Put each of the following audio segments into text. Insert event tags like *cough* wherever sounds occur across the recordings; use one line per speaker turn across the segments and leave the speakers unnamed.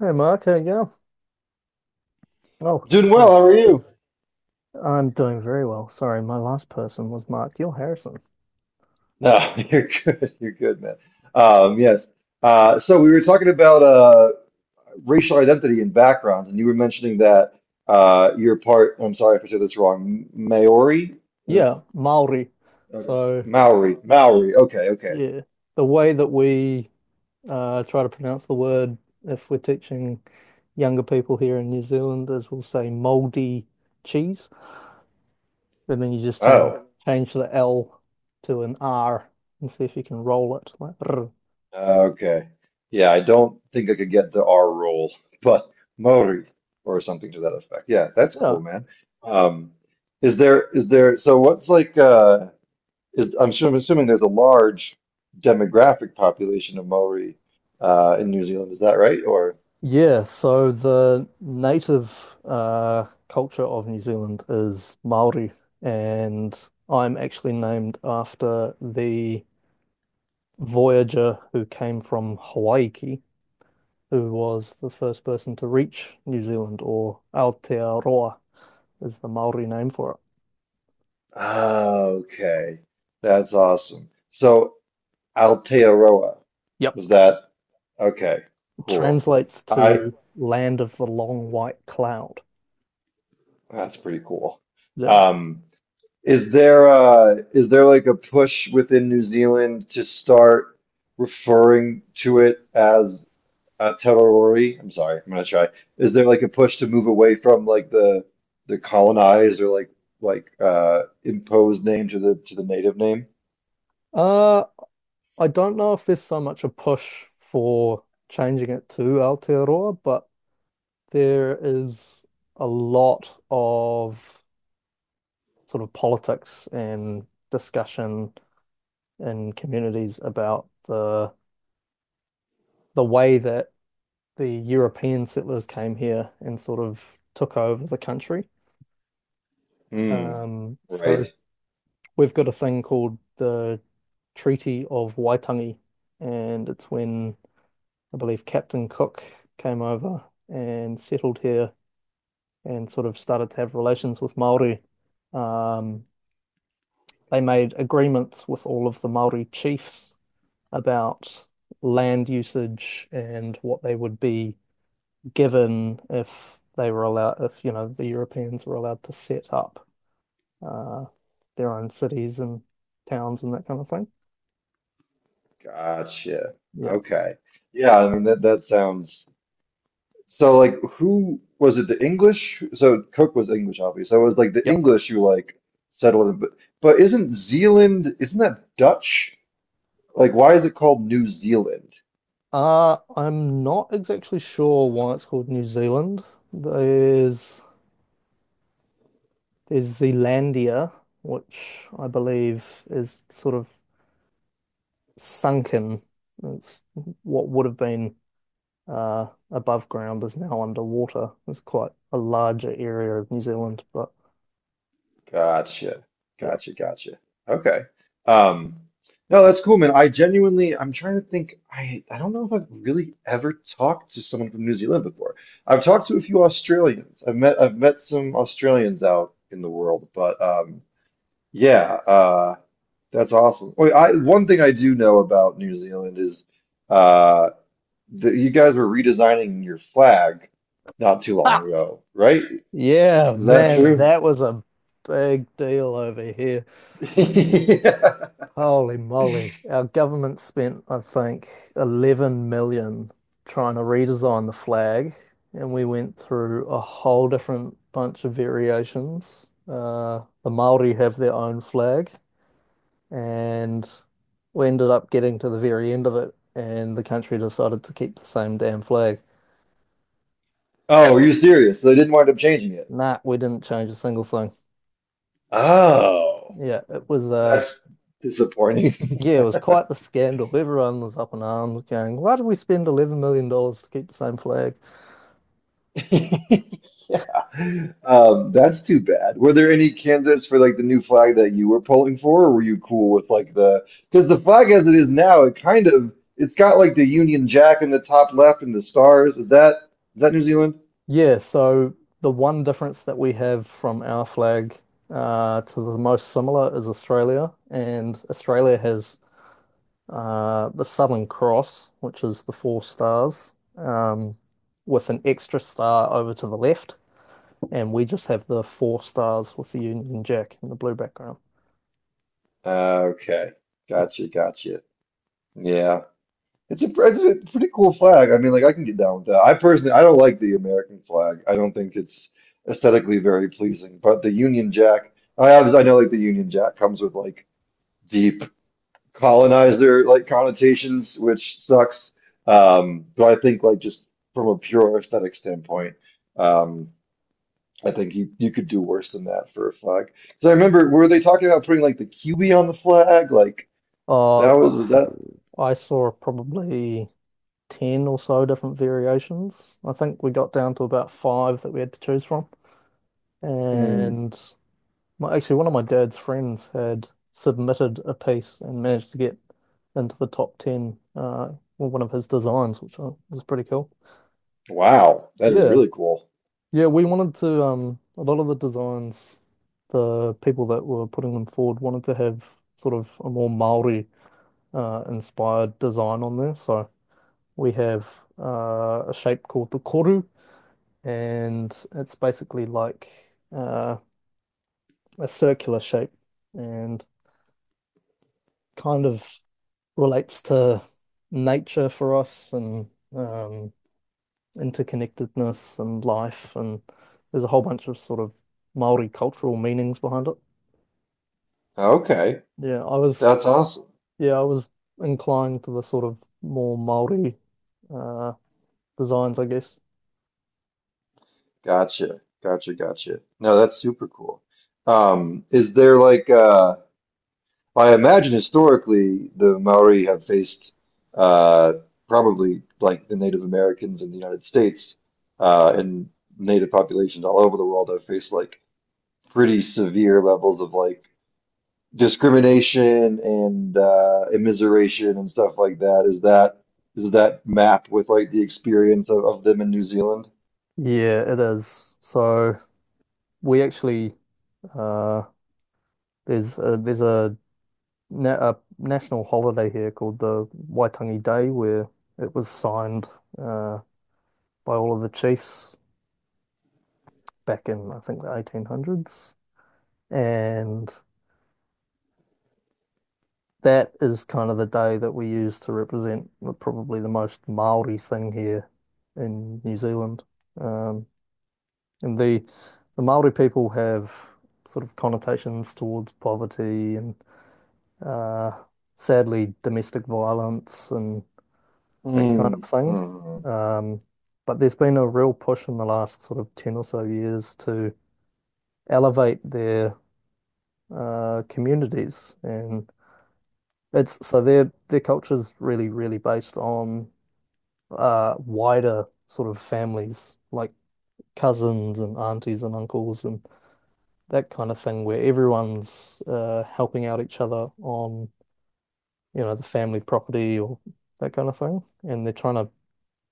Hey Mark, how you go? Oh,
Doing well.
sorry.
How are you?
I'm doing very well. Sorry, my last person was Mark Gill Harrison.
No, *laughs* you're good. You're good, man. Um, yes. So we were talking about racial identity and backgrounds, and you were mentioning that you're part, I'm sorry if I said this wrong, Maori? Is it-
Yeah, Maori.
okay.
So
Maori. Maori. Okay, okay.
yeah, the way that we try to pronounce the word if we're teaching younger people here in New Zealand is we'll say mouldy cheese, and then you just change
Oh,
change the L to an R and see if you can roll it like. "Rrr."
okay. Yeah, I don't think I could get the R roll, *laughs* but Maori or something to that effect. Yeah, that's
Yeah.
cool, man. Um, is there, so what's like, I'm sure, I'm assuming there's a large demographic population of Maori in New Zealand. Is that right? Or
Yeah, so the native culture of New Zealand is Maori, and I'm actually named after the voyager who came from Hawaii, who was the first person to reach New Zealand, or Aotearoa is the Maori name for it.
ah, okay, that's awesome. So Aotearoa,
Yep,
was that okay? Cool.
translates
I
to land of the long white cloud.
that's pretty cool.
Yeah.
Um, is there like a push within New Zealand to start referring to it as Terrorori, I'm sorry, I'm gonna try. Is there like a push to move away from like the colonized, or like like imposed name to the native name?
Uh, I don't know if there's so much a push for changing it to Aotearoa, but there is a lot of sort of politics and discussion in communities about the way that the European settlers came here and sort of took over the country.
Hmm.
So
Right.
we've got a thing called the Treaty of Waitangi, and it's when I believe Captain Cook came over and settled here and sort of started to have relations with Maori. Um, they made agreements with all of the Maori chiefs about land usage and what they would be given if they were allowed, if, you know, the Europeans were allowed to set up uh, their own cities and towns and that kind of thing.
Gotcha.
Yeah.
Okay. Yeah, I mean that sounds, so like who was it, the English? So Cook was English, obviously. So it was like the
Yep.
English who like settled it, but isn't Zealand, isn't that Dutch? Like why is it called New Zealand?
I'm not exactly sure why it's called New Zealand. There's there's Zealandia, which I believe is sort of sunken. It's what would have been above ground is now underwater. It's quite a larger area of New Zealand, but
Gotcha.
yeah.
Gotcha. Gotcha. Okay. Um, no, that's cool, man. I genuinely, I'm trying to think. I don't know if I've really ever talked to someone from New Zealand before. I've talked to a few Australians. I've met some Australians out in the world, but yeah, uh, that's awesome. Wait, I, one thing I do know about New Zealand is uh, that you guys were redesigning your flag not too long
Ha!
ago, right?
Yeah,
Is that
man,
true?
that was a big deal over here.
*laughs*
Holy moly. Our government spent, I think, 11 million trying to redesign the flag, and we went through a whole different bunch of variations. The Maori have their own flag, and we ended up getting to the very end of it, and the country decided to keep the same damn flag.
Oh, are you serious? So they didn't wind up changing it.
Nah, we didn't change a single thing.
Oh.
Yeah, it was
That's disappointing.
yeah, it was quite the scandal. Everyone was up in arms going, why did we spend $11 million to keep the same flag?
*laughs* Yeah. That's too bad. Were there any candidates for like the new flag that you were polling for, or were you cool with like the because the flag as it is now, it kind of, it's got like the Union Jack in the top left and the stars. Is that New Zealand?
Yeah, so the one difference that we have from our flag to the most similar is Australia, and Australia has the Southern Cross, which is the four stars, with an extra star over to the left, and we just have the four stars with the Union Jack in the blue background.
Okay.
Yeah.
Gotcha, gotcha. Yeah. It's a pretty cool flag. I mean, like I can get down with that. I personally, I don't like the American flag. I don't think it's aesthetically very pleasing. But the Union Jack, I obviously I know like the Union Jack comes with like deep colonizer like connotations, which sucks. But I think like just from a pure aesthetic standpoint, um, I think you could do worse than that for a flag. So I remember, were they talking about putting like the QB on the flag? Like
Uh,
that was that?
I saw probably 10 or so different variations. I think we got down to about five that we had to choose from.
Hmm.
And actually, one of my dad's friends had submitted a piece and managed to get into the top 10 with one of his designs, which was pretty cool.
Wow, that is
Yeah.
really cool.
Yeah, we wanted to a lot of the designs, the people that were putting them forward wanted to have sort of a more Maori inspired design on there. So we have a shape called the koru, and it's basically like uh a circular shape, and kind of relates to nature for us, and um interconnectedness and life, and there's a whole bunch of sort of Maori cultural meanings behind it.
Okay,
Yeah, I was
that's awesome.
yeah, I was inclined to the sort of more Maori uh designs, I guess.
Gotcha, gotcha, gotcha. No, that's super cool. Is there like I imagine historically the Maori have faced uh probably like the Native Americans in the United States and Native populations all over the world have faced like pretty severe levels of like discrimination and immiseration and stuff like that. Is that map with like the experience of, them in New Zealand?
Yeah, it is. So we actually uh there's a, na a national holiday here called the Waitangi Day where it was signed uh by all of the chiefs back in I think the 1800s. And that is kind of the day that we use to represent probably the most Maori thing here in New Zealand. Um, and the Maori people have sort of connotations towards poverty and, uh, sadly, domestic violence and that kind of
Mm,
thing.
mm,
Um, but there's been a real push in the last sort of 10 or so years to elevate their communities. And it's so their culture is really really based on wider sort of families like cousins and aunties and uncles and that kind of thing, where everyone's helping out each other on, you know, the family property or that kind of thing. And they're trying to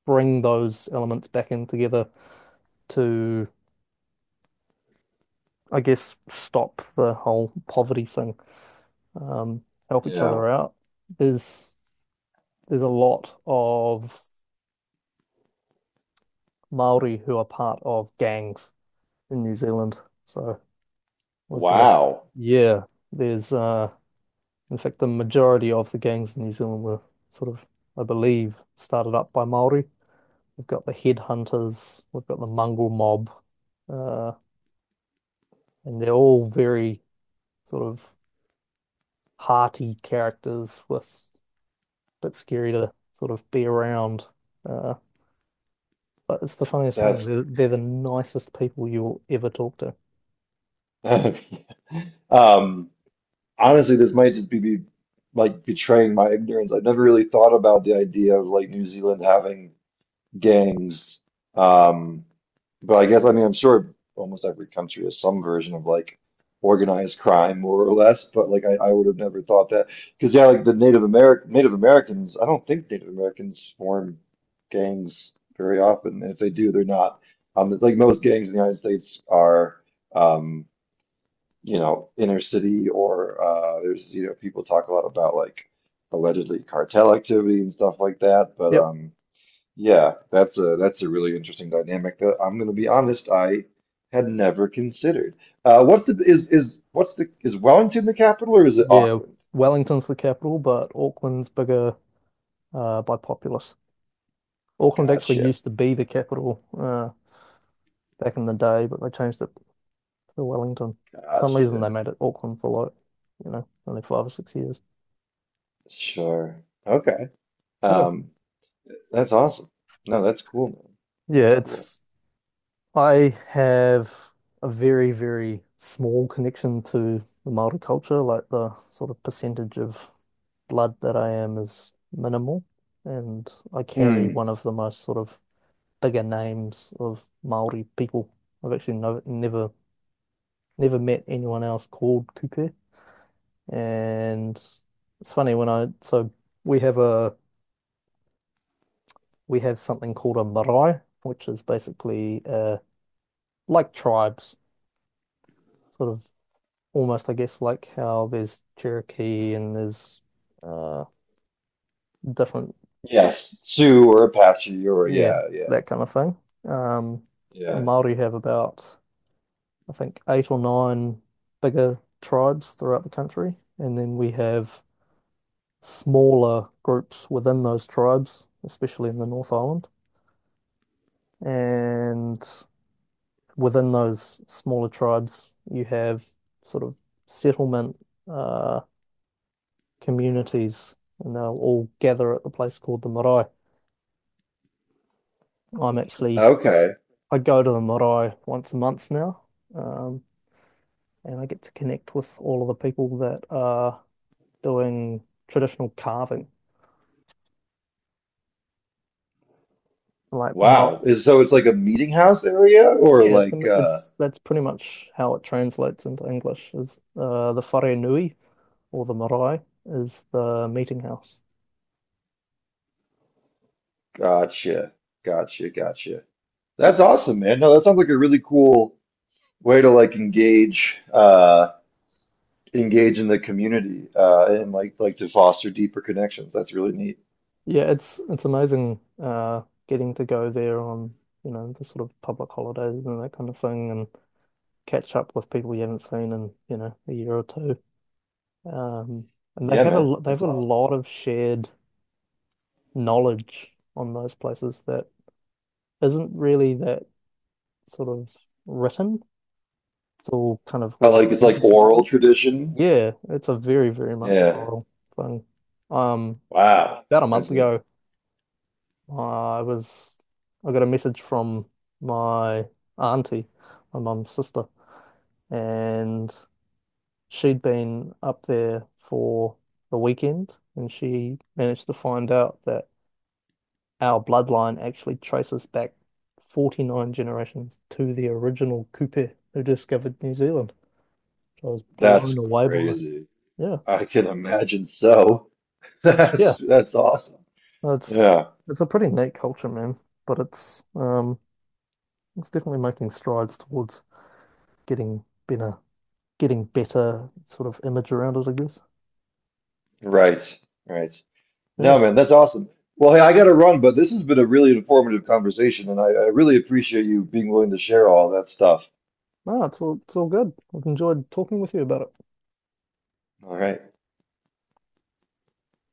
bring those elements back in together to, I guess, stop the whole poverty thing, um help each
yeah.
other out. There's there's a lot of Maori who are part of gangs in New Zealand. So We've got a
Wow.
yeah, there's, in fact, the majority of the gangs in New Zealand were sort of, I believe, started up by Māori. We've got the headhunters, we've got the mongrel mob, uh, and they're all very sort of hearty characters with a bit scary to sort of be around. Uh, but it's the funniest thing.
That's
They're the nicest people you'll ever talk to.
*laughs* um honestly this might just be like betraying my ignorance. I've never really thought about the idea of like New Zealand having gangs. Um, but I guess, I mean, I'm sure almost every country has some version of like organized crime, more or less. But like, I would have never thought that because yeah, like the Native American Native Americans, I don't think Native Americans form gangs very often. And if they do, they're not like most gangs in the United States are um you know, inner city, or there's you know people talk a lot about like allegedly cartel activity and stuff like that. But
Yep.
yeah, that's a really interesting dynamic that I'm going to be honest, I had never considered. What's the is what's the is Wellington the capital, or is it
Yeah.
Auckland?
Wellington's the capital, but Auckland's bigger, by populace. Auckland actually
Gotcha,
used to be the capital back in the day, but they changed it to Wellington. For some reason,
gotcha.
they made it Auckland for like, you know, only 5 or 6 years.
Sure. Okay.
Yeah.
Um, that's awesome. No, that's cool, man. That's
Yeah,
cool.
it's, I have a very, very small connection to the Maori culture. Like the sort of percentage of blood that I am is minimal. And I carry
Hmm.
one of the most sort of bigger names of Maori people. I've actually no, never, Never met anyone else called Kupe. And it's funny when I so we have a we have something called a marae, which is basically like tribes, sort of almost, I guess, like how there's Cherokee and there's uh different
Yes, Sioux or Apache or
yeah,
yeah, yeah,
that kind of thing. Um the
yeah.
Māori have about, I think, eight or nine bigger tribes throughout the country, and then we have smaller groups within those tribes, especially in the North Island. And within those smaller tribes, you have sort of settlement uh, communities, and they'll all gather at the place called the marae. I'm actually,
Okay.
I go to the marae once a month now, um, and I get to connect with all of the people that are doing traditional carving, like ma
Wow. Is so it's like a meeting house area, or
Yeah,
like
it's that's pretty much how it translates into English is, the whare nui or the marae is the meeting house.
gotcha, gotcha, gotcha. That's awesome, man. No, that sounds like a really cool way to like engage engage in the community and like to foster deeper connections. That's really neat.
Yeah, it's amazing getting to go there on, you know, the sort of public holidays and that kind of thing and catch up with people you haven't seen in, you know, a year or two. Um and
Yeah, man.
they have
That's
a
awesome.
lot of shared knowledge on those places that isn't really that sort of written. It's all kind of
I like it's like
retained
oral
knowledge.
tradition.
Yeah, it's a very, very much
Yeah.
oral thing. Um,
Wow.
about a month
That's neat.
ago I was I got a message from my auntie, my mum's sister, and she'd been up there for the weekend, and she managed to find out that our bloodline actually traces back 49 generations to the original Kupe who discovered New Zealand. I was
That's
blown away by it.
crazy.
Yeah.
I can imagine so. *laughs*
Yeah.
That's awesome.
It's
Yeah.
it's a pretty neat culture, man, but it's definitely making strides towards getting better. Getting better sort of image around it, I guess.
Right. Right.
Yeah.
No, man, that's awesome. Well, hey, I gotta run, but this has been a really informative conversation, and I really appreciate you being willing to share all that stuff.
No, it's all good. I've enjoyed talking with you about it.
All right.